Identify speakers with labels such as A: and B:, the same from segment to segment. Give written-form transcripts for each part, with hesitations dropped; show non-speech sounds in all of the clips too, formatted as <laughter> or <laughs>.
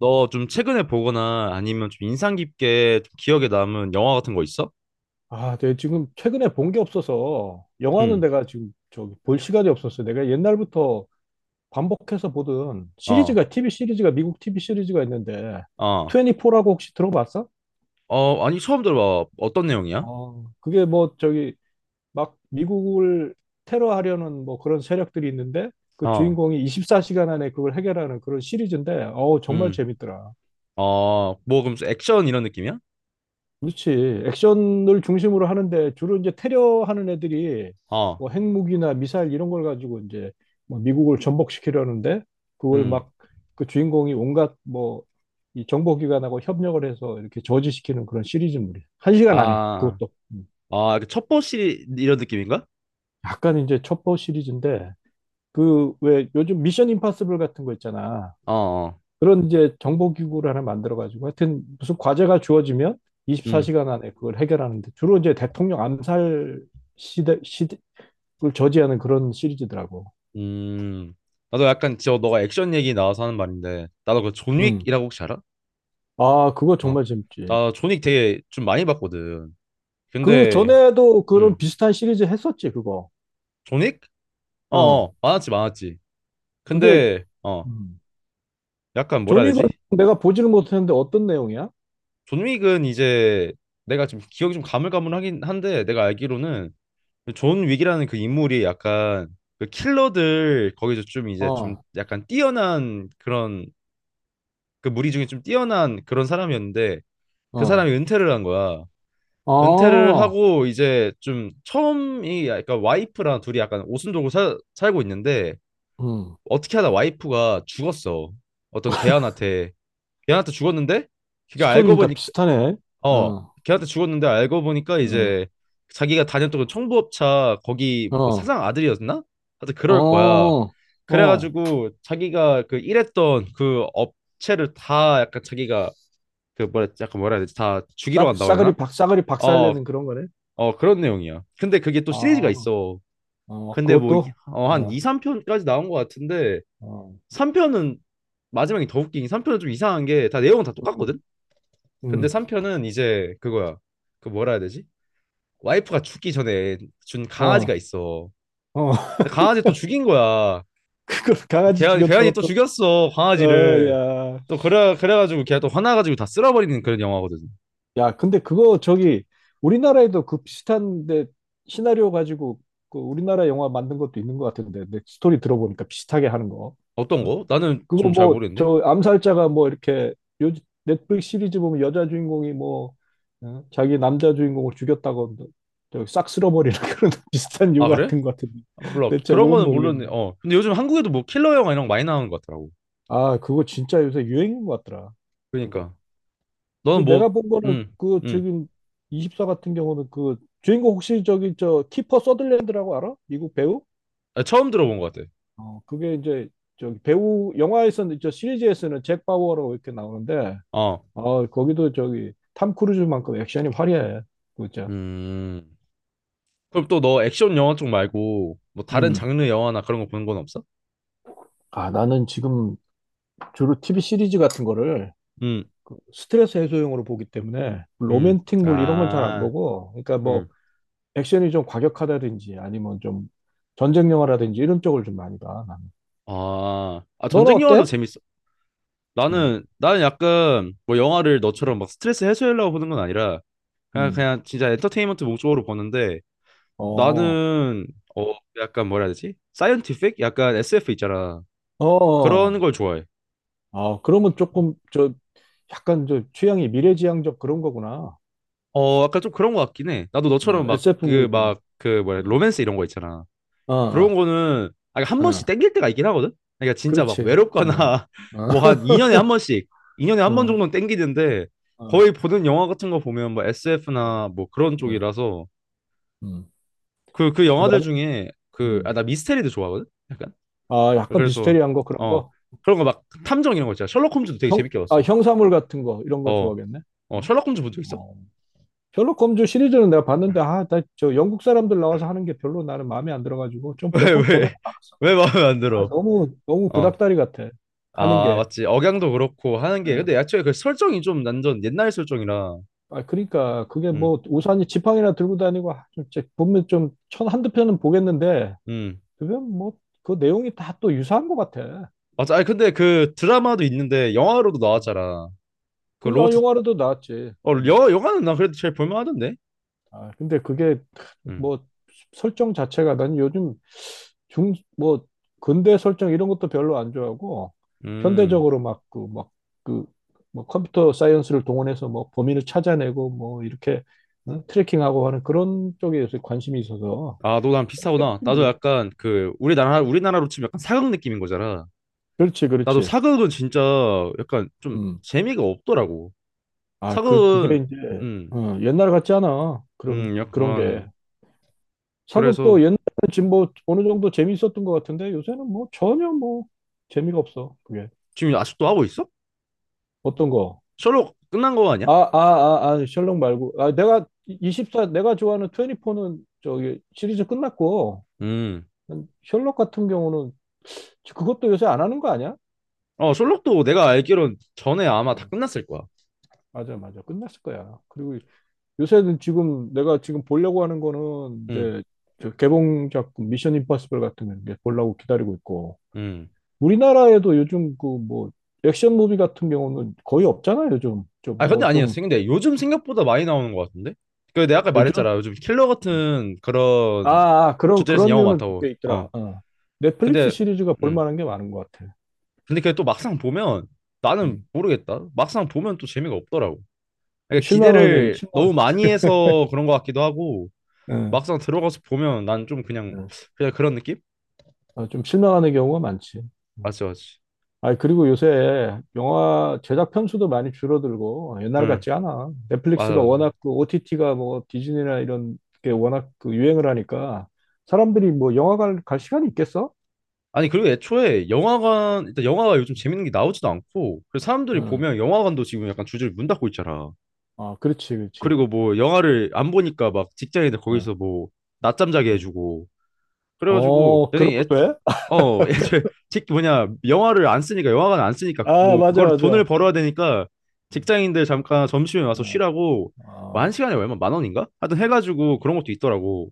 A: 너 좀 최근에 보거나 아니면 좀 인상 깊게 좀 기억에 남은 영화 같은 거 있어?
B: 아, 내가 지금 최근에 본 게 없어서 영화는
A: 응.
B: 내가 지금 저기 볼 시간이 없었어. 내가 옛날부터 반복해서 보던
A: 어.
B: 시리즈가 TV 시리즈가 미국 TV 시리즈가 있는데
A: 어.
B: 24라고 혹시 들어봤어?
A: 어, 아니 처음 들어봐. 어떤 내용이야?
B: 어, 그게 뭐 저기 막 미국을 테러하려는 뭐 그런 세력들이 있는데 그
A: 어.
B: 주인공이 24시간 안에 그걸 해결하는 그런 시리즈인데 어우 정말
A: 음.
B: 재밌더라.
A: 어, 뭐 그럼 액션 이런 느낌이야?
B: 그렇지. 액션을 중심으로 하는데 주로 이제 테러하는 애들이
A: 어.
B: 뭐 핵무기나 미사일 이런 걸 가지고 이제 뭐 미국을 전복시키려는데 그걸
A: 음.
B: 막 그 주인공이 온갖 뭐 이 정보기관하고 협력을 해서 이렇게 저지시키는 그런 시리즈물이야. 한 시간 안에
A: 아.
B: 그것도
A: 아, 그 첩보 시리 이런 느낌인가?
B: 약간 이제 첩보 시리즈인데 그 왜 요즘 미션 임파서블 같은 거 있잖아.
A: 어. 어.
B: 그런 이제 정보기구를 하나 만들어가지고 하여튼 무슨 과제가 주어지면
A: 음.
B: 24시간 안에 그걸 해결하는데 주로 이제 대통령 암살 시대를 저지하는 그런 시리즈더라고.
A: 음. 나도 약간 저 너가 액션 얘기 나와서 하는 말인데 나도 그
B: 음.
A: 존윅이라고 혹시 알아?
B: 아, 그거
A: 어.
B: 정말 재밌지.
A: 나 존윅 되게 좀 많이 봤거든.
B: 그
A: 근데
B: 전에도 그런
A: 음.
B: 비슷한 시리즈 했었지, 그거.
A: 존윅? 어,
B: 어.
A: 어. 많았지, 많았지.
B: 그게,
A: 근데
B: 음.
A: 약간 뭐라 해야
B: 존윅은
A: 되지?
B: 내가 보지를 못했는데 어떤 내용이야?
A: 존 윅은 이제 내가 지금 기억이 좀 가물가물하긴 한데 내가 알기로는 존 윅이라는 그 인물이 약간 그 킬러들 거기서 좀 이제 좀
B: 어,
A: 약간 뛰어난 그런 그 무리 중에 좀 뛰어난 그런 사람이었는데 그 사람이
B: 어.
A: 은퇴를 한 거야. 은퇴를
B: 아,
A: 하고 이제 좀 처음이 약간 와이프랑 둘이 약간 오순도고 살 살고 있는데
B: 음.
A: 어떻게 하다 와이프가 죽었어. 어떤 개한한테 개한테 죽었는데 그게 알고
B: 스토리는 다
A: 보니
B: 비슷하네.
A: 어,
B: 어,
A: 걔한테 죽었는데 알고 보니까
B: 어,
A: 이제 자기가 다녔던 그 청부업차 거기 뭐
B: 어,
A: 사장 아들이었나? 하여튼
B: 어,
A: 그럴 거야.
B: 어.
A: 그래가지고 자기가 그 일했던 그 업체를 다 약간 자기가 그 뭐라 약간 뭐라 해야 되지? 다 죽이러
B: 싸,
A: 간다고 해야
B: 싸그리
A: 되나?
B: 박, 싸그리
A: 어,
B: 박살내는 그런 거네.
A: 어 그런 내용이야. 근데 그게 또 시리즈가
B: 아,
A: 있어.
B: 어,
A: 근데 뭐
B: 그것도,
A: 어, 한
B: 어,
A: 2, 3편까지 나온 것 같은데
B: 어,
A: 3편은 마지막이 더 웃긴 게 3편은 좀 이상한 게 다 내용은 다
B: 음,
A: 똑같거든? 근데
B: 음.
A: 3편은 이제 그거야. 그 뭐라 해야 되지? 와이프가 죽기 전에 준 강아지가
B: 어,
A: 있어.
B: 어. <laughs>
A: 근데 강아지 또 죽인 거야.
B: 그걸 강아지
A: 걔한이
B: 죽였다고
A: 또
B: 또,
A: 죽였어,
B: 어,
A: 강아지를.
B: 야.
A: 그래가지고 걔가 또 화나가지고 다 쓸어버리는 그런 영화거든.
B: 야, 근데 그거 저기, 우리나라에도 그 비슷한데, 시나리오 가지고, 그 우리나라 영화 만든 것도 있는 것 같은데, 내 스토리 들어보니까 비슷하게 하는 거.
A: 어떤
B: 어?
A: 거? 나는
B: 그거
A: 좀 잘
B: 뭐
A: 모르겠는데.
B: 저 암살자가 뭐 이렇게 요 넷플릭스 시리즈 보면 여자 주인공이 뭐 어? 자기 남자 주인공을 죽였다고 저싹 쓸어버리는 <laughs> 그런 비슷한 유
A: 아, 그래?
B: 같은 것 같은데
A: 몰라.
B: 내
A: 그런
B: 제목은
A: 거는 모르는데,
B: 모르겠는데
A: 어. 근데 요즘 한국에도 뭐 킬러 영화 이런 거 많이 나오는 것 같더라고.
B: 아 그거 진짜 요새 유행인 것 같더라 그거
A: 그러니까. 너는
B: 그 내가
A: 뭐,
B: 본 거는
A: 음,
B: 그
A: 음.
B: 지금 24 같은 경우는 그 주인공 혹시 저기 저 키퍼 서들랜드라고 알아? 미국 배우?
A: 아, 처음 들어본 것 같아.
B: 어 그게 이제 저기 배우 영화에서는 저 시리즈에서는 잭 바우어라고 이렇게 나오는데
A: 어.
B: 아, 거기도 저기 탐 크루즈만큼 액션이 화려해. 진짜.
A: 음. 그럼 또 너 액션 영화 쪽 말고 뭐 다른
B: 음.
A: 장르 영화나 그런 거 보는 건 없어?
B: 아, 나는 지금 주로 TV 시리즈 같은 거를
A: 음,
B: 그 스트레스 해소용으로 보기 때문에
A: 음.
B: 로맨틱물 이런 건 잘 안
A: 아,
B: 보고 그러니까 뭐
A: 음.
B: 액션이 좀 과격하다든지 아니면 좀 전쟁 영화라든지 이런 쪽을 좀 많이 봐. 나는.
A: 아, 아
B: 너는
A: 전쟁 영화도
B: 어때?
A: 재밌어.
B: 음.
A: 나는 약간 뭐 영화를
B: 음.
A: 너처럼 막 스트레스 해소하려고 보는 건 아니라 그냥
B: 음.
A: 그냥 진짜 엔터테인먼트 목적으로 보는데
B: 어.
A: 나는 어 약간 뭐라 해야 되지? 사이언티픽? 약간 SF 있잖아.
B: 어.
A: 그런 걸 좋아해.
B: 아, 그러면 조금 저 약간 저 취향이 미래지향적 그런 거구나.
A: 어 약간 좀 그런 거 같긴 해. 나도 너처럼
B: 어,
A: 막
B: SF
A: 그
B: 무비인데.
A: 막 그 뭐야
B: 어.
A: 로맨스 이런 거 있잖아.
B: 어.
A: 그런 거는 아니, 한 번씩
B: 어.
A: 땡길 때가 있긴 하거든. 그러니까 진짜 막
B: 그렇지. 어,
A: 외롭거나 <laughs>
B: 어,
A: 뭐 한
B: <laughs>
A: 2년에 한 번씩, 2년에 한 번
B: 어,
A: 정도는 땡기는데
B: 어,
A: 거의 보는 영화 같은 거 보면 뭐
B: 어,
A: SF나 뭐 그런
B: 어,
A: 쪽이라서
B: 음.
A: 그 영화들
B: 그다음,
A: 중에 그 아
B: 음.
A: 나 미스테리도 좋아하거든.
B: 아, 약간
A: 그래서
B: 비스테리한 거 그런
A: 어
B: 거.
A: 그런 거 막 탐정 이런 거 있잖아. 셜록 홈즈도 되게
B: 형,
A: 재밌게
B: 아,
A: 봤어.
B: 형사물 같은 거 이런 거
A: 어,
B: 좋아하겠네.
A: 어
B: 그럼?
A: 셜록 홈즈 본 적 있어?
B: 어. 셜록 홈즈 시리즈는 내가 봤는데 아, 나 저 영국 사람들 나와서 하는 게 별로 나는 마음에 안 들어가지고
A: <laughs>
B: 좀 몇
A: 왜
B: 번 보다가
A: 왜?
B: 말았어.
A: 왜 마음에 안
B: 아,
A: 들어?
B: 너무 너무
A: 어.
B: 구닥다리 같아. 하는
A: 아,
B: 게.
A: 맞지. 억양도 그렇고 하는 게
B: 어.
A: 근데 애초에 그 설정이 좀 난전 옛날 설정이라.
B: 아, 그러니까 그게
A: 음.
B: 뭐 우산이 지팡이나 들고 다니고 아, 좀 이제 보면 좀 천 한두 편은 보겠는데
A: 음.
B: 그게 뭐 그 내용이 다 또 유사한 것 같아.
A: 맞아. 아니 근데 그 드라마도 있는데 영화로도 나왔잖아. 그
B: 그리고 아,
A: 로버트
B: 영화로도 나왔지.
A: 어
B: 음.
A: 영화 영화는 나 그래도 제일 볼만하던데.
B: 아, 근데 그게
A: 음.
B: 뭐 설정 자체가 난 요즘 중, 뭐 근대 설정 이런 것도 별로 안 좋아하고
A: 음.
B: 현대적으로 막 그 막 그 뭐 컴퓨터 사이언스를 동원해서 뭐 범인을 찾아내고 뭐 이렇게 응? 트래킹하고 하는 그런 쪽에 대해서 관심이 있어서
A: 아, 너 나랑 비슷하구나. 나도
B: 재밌더라고.
A: 약간 그 우리나라 우리나라로 치면 약간 사극 느낌인 거잖아.
B: 그렇지,
A: 나도
B: 그렇지.
A: 사극은 진짜 약간 좀
B: 음.
A: 재미가 없더라고.
B: 아, 그 그게
A: 사극은
B: 이제
A: 음.
B: 어, 옛날 같지 않아. 그런 그런 게.
A: 약간
B: 사극도
A: 그래서
B: 옛날에는 지금 뭐 어느 정도 재미있었던 것 같은데 요새는 뭐 전혀 뭐 재미가 없어. 그게
A: 지금 아직도 하고 있어?
B: 어떤 거?
A: 셜록 끝난 거 아니야?
B: 아, 아, 아, 아, 셜록 말고. 아, 내가 24 내가 좋아하는 24는 저기 시리즈 끝났고
A: 음.
B: 셜록 같은 경우는 그것도 요새 안 하는 거 아니야?
A: 어, 셜록도 내가 알기론 전에 아마 다
B: 어,
A: 끝났을 거야.
B: 맞아, 맞아. 끝났을 거야. 그리고 요새는 지금 내가 지금 보려고 하는 거는
A: 음.
B: 이제 저 개봉 작품 미션 임파서블 같은 거 이제 보려고 기다리고 있고
A: 음.
B: 우리나라에도 요즘 그 뭐 액션 무비 같은 경우는 거의 없잖아요. 요즘 좀
A: 아 근데
B: 뭐 좀
A: 아니었어. 근데 요즘 생각보다 많이 나오는 것 같은데? 그 내가 아까
B: 요즘
A: 말했잖아. 요즘 킬러 같은 그런
B: 아, 아, 그런
A: 주제에서
B: 그런
A: 영화
B: 류는
A: 많다고.
B: 꽤 있더라.
A: 어.
B: 어. 넷플릭스
A: 근데
B: 시리즈가 볼
A: 음.
B: 만한 게 많은 것 같아.
A: 근데 그게 또 막상 보면 나는
B: 음.
A: 모르겠다. 막상 보면 또 재미가 없더라고.
B: 그
A: 그러니까
B: 실망하게
A: 기대를
B: 실망.
A: 너무 많이 해서 그런 것 같기도 하고
B: 예,
A: 막상 들어가서 보면 난 좀 그냥
B: 예.
A: 그냥 그런 느낌?
B: 아, 좀 실망하는 경우가 많지. 음.
A: 맞지, 맞지.
B: 아, 그리고 요새 영화 제작 편수도 많이 줄어들고 옛날
A: 응.
B: 같지 않아.
A: 맞아,
B: 넷플릭스가
A: 맞아.
B: 워낙 그 OTT가 뭐 디즈니나 이런 게 워낙 그 유행을 하니까 사람들이 뭐 영화관 갈 시간이 있겠어?
A: 아니 그리고 애초에 영화관 일단 영화가 요즘 재밌는 게 나오지도 않고 그래서 사람들이 보면 영화관도 지금 약간 줄줄이 문 닫고 있잖아.
B: 아, 그렇지, 그렇지.
A: 그리고 뭐 영화를 안 보니까 막 직장인들
B: 어,
A: 거기서 뭐 낮잠 자게
B: 어,
A: 해주고 그래가지고
B: 어, 그런
A: 선생님 애,
B: 것도 해?
A: 어 <laughs> 애초에 직 뭐냐 영화를 안 쓰니까 영화관 안
B: <laughs>
A: 쓰니까
B: 아,
A: 뭐
B: 맞아,
A: 그걸
B: 맞아.
A: 돈을
B: 어,
A: 벌어야 되니까 직장인들 잠깐 점심에 와서
B: 어,
A: 쉬라고 뭐 한
B: 아,
A: 시간에 얼마 만 원인가? 하여튼 해가지고 그런 것도 있더라고.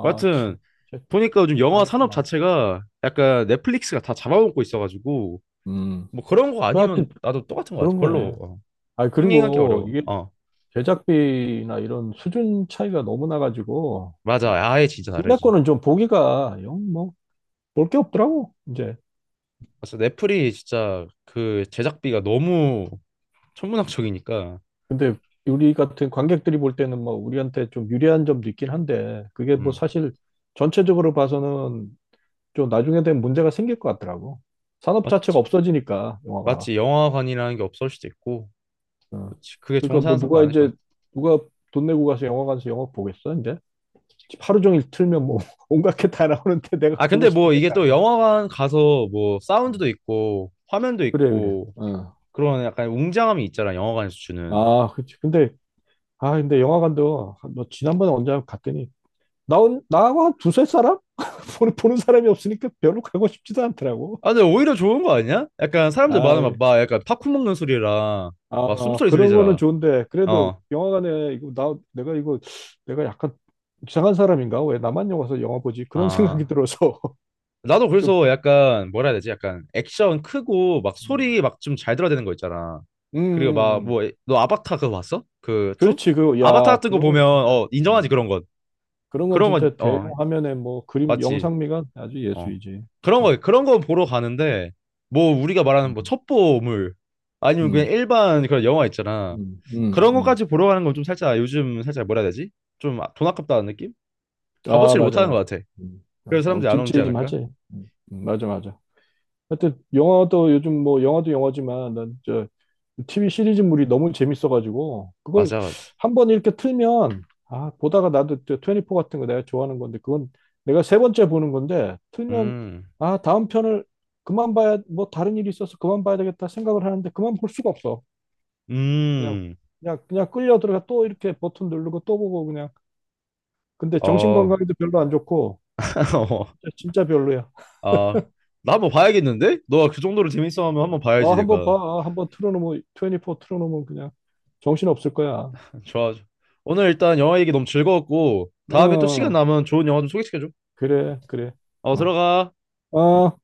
A: 뭐
B: 참.
A: 하여튼
B: 진짜
A: 보니까 요즘 영화
B: 망했다,
A: 산업
B: 망했다.
A: 자체가 약간 넷플릭스가 다 잡아먹고 있어가지고
B: 음,
A: 뭐 그런 거
B: 그
A: 아니면
B: 하여튼
A: 나도 똑같은 거 같아
B: 그런
A: 별로.
B: 거네.
A: 어,
B: 아,
A: 흥행하기
B: 그리고
A: 어려워.
B: 이게
A: 어
B: 제작비나 이런 수준 차이가 너무 나가지고,
A: 맞아 아예 진짜
B: 국내
A: 다르지.
B: 거는 좀 보기가 영, 뭐, 볼 게 없더라고, 이제.
A: 그래서 넷플이 진짜 그 제작비가 너무 천문학적이니까
B: 근데 우리 같은 관객들이 볼 때는 뭐, 우리한테 좀 유리한 점도 있긴 한데, 그게 뭐
A: 음
B: 사실 전체적으로 봐서는 좀 나중에 되면 문제가 생길 것 같더라고. 산업 자체가
A: 맞지,
B: 없어지니까 영화가.
A: 맞지. 영화관이라는 게 없을 수도 있고
B: 어.
A: 맞지 그게
B: 그러니까
A: 정사하는
B: 뭐
A: 사람도
B: 누가
A: 많을
B: 이제
A: 거니까.
B: 누가 돈 내고 가서 영화관에서 영화 보겠어 이제? 집 하루 종일 틀면 뭐 <laughs> 온갖 게 다 나오는데 내가
A: 아
B: 보고
A: 근데
B: 싶은
A: 뭐
B: 게
A: 이게
B: 다
A: 또 영화관 가서 뭐
B: 나와. 어.
A: 사운드도 있고 화면도
B: 그래 그래.
A: 있고
B: 어.
A: 그런 약간 웅장함이 있잖아 영화관에서 주는.
B: 아 그치. 근데 아 근데 영화관도 한- 너 지난번에 언제 갔더니 나온 나하고 한 두세 사람 <laughs> 보는 사람이 없으니까 별로 가고 싶지도 않더라고.
A: 아 근데 오히려 좋은 거 아니야? 약간 사람들
B: 아
A: 많으면 막 약간 팝콘 먹는 소리랑 막
B: 아,
A: 숨소리
B: 그런 거는
A: 들리잖아.
B: 좋은데, 그래도 영화관에, 이거, 나, 내가 이거, 내가 약간 이상한 사람인가? 왜 나만 영화 가서 영화 보지? 그런 생각이
A: 어아
B: 들어서, <laughs>
A: 나도
B: 좀,
A: 그래서 약간 뭐라 해야 되지? 약간 액션 크고 막
B: 음.
A: 소리 막 좀 잘 들어야 되는 거 있잖아. 그리고 막
B: 음, 음.
A: 뭐 너 아바타 그거 봤어? 그 투?
B: 그렇지, 그,
A: 아바타
B: 야,
A: 같은 거 보면
B: 그거는 진짜,
A: 어 인정하지
B: 어,
A: 그런 건.
B: 그런 건
A: 그런 건
B: 진짜 대형
A: 어
B: 화면에 뭐, 그림,
A: 맞지.
B: 영상미가 아주
A: 어
B: 예술이지.
A: 그런
B: 음,
A: 거 그런 거 보러 가는데 뭐 우리가 말하는 뭐
B: 음.
A: 첩보물 아니면 그냥
B: 음,
A: 일반 그런 영화 있잖아.
B: 음,
A: 그런
B: 음.
A: 거까지 보러 가는 건 좀 살짝 요즘 살짝 뭐라 해야 되지? 좀 아, 돈 아깝다는 느낌?
B: 음. 아,
A: 값어치를 못
B: 맞아,
A: 하는 것
B: 맞아.
A: 같아.
B: 영,
A: 그래서
B: 영
A: 사람들이 안 오지 않을까?
B: 찜찜하지? 맞아, 맞아. 하여튼 영화도 요즘 뭐 영화도 영화지만 난 저 TV 시리즈물이 너무 재밌어가지고 그걸
A: 맞아, 맞아.
B: 한번 이렇게 틀면 아 보다가 나도 저24 같은 거 내가 좋아하는 건데 그건 내가 세 번째 보는 건데 틀면
A: 음.
B: 아 다음 편을 그만 봐야 뭐 다른 일이 있어서 그만 봐야 되겠다 생각을 하는데 그만 볼 수가 없어 그냥
A: 음.
B: 그냥 그냥 끌려 들어가 또 이렇게 버튼 누르고 또 보고 그냥 근데 정신
A: 어,
B: 건강에도 별로 안 좋고
A: <laughs>
B: 진짜 진짜 별로야
A: 아, 나 한번 봐야겠는데? 너가 그 정도로 재밌어하면 한번 봐야지
B: 아, 한번
A: 내가.
B: 봐. 아, 한번 틀어놓으면, 24 틀어놓으면 그냥 정신 없을 거야.
A: 좋아. 좋아. 오늘 일단 영화 얘기 너무 즐거웠고 다음에 또 시간
B: 어,
A: 남으면 좋은 영화 좀 소개시켜줘.
B: 그래, 그래.
A: 어,
B: 어.
A: 들어가.
B: 어.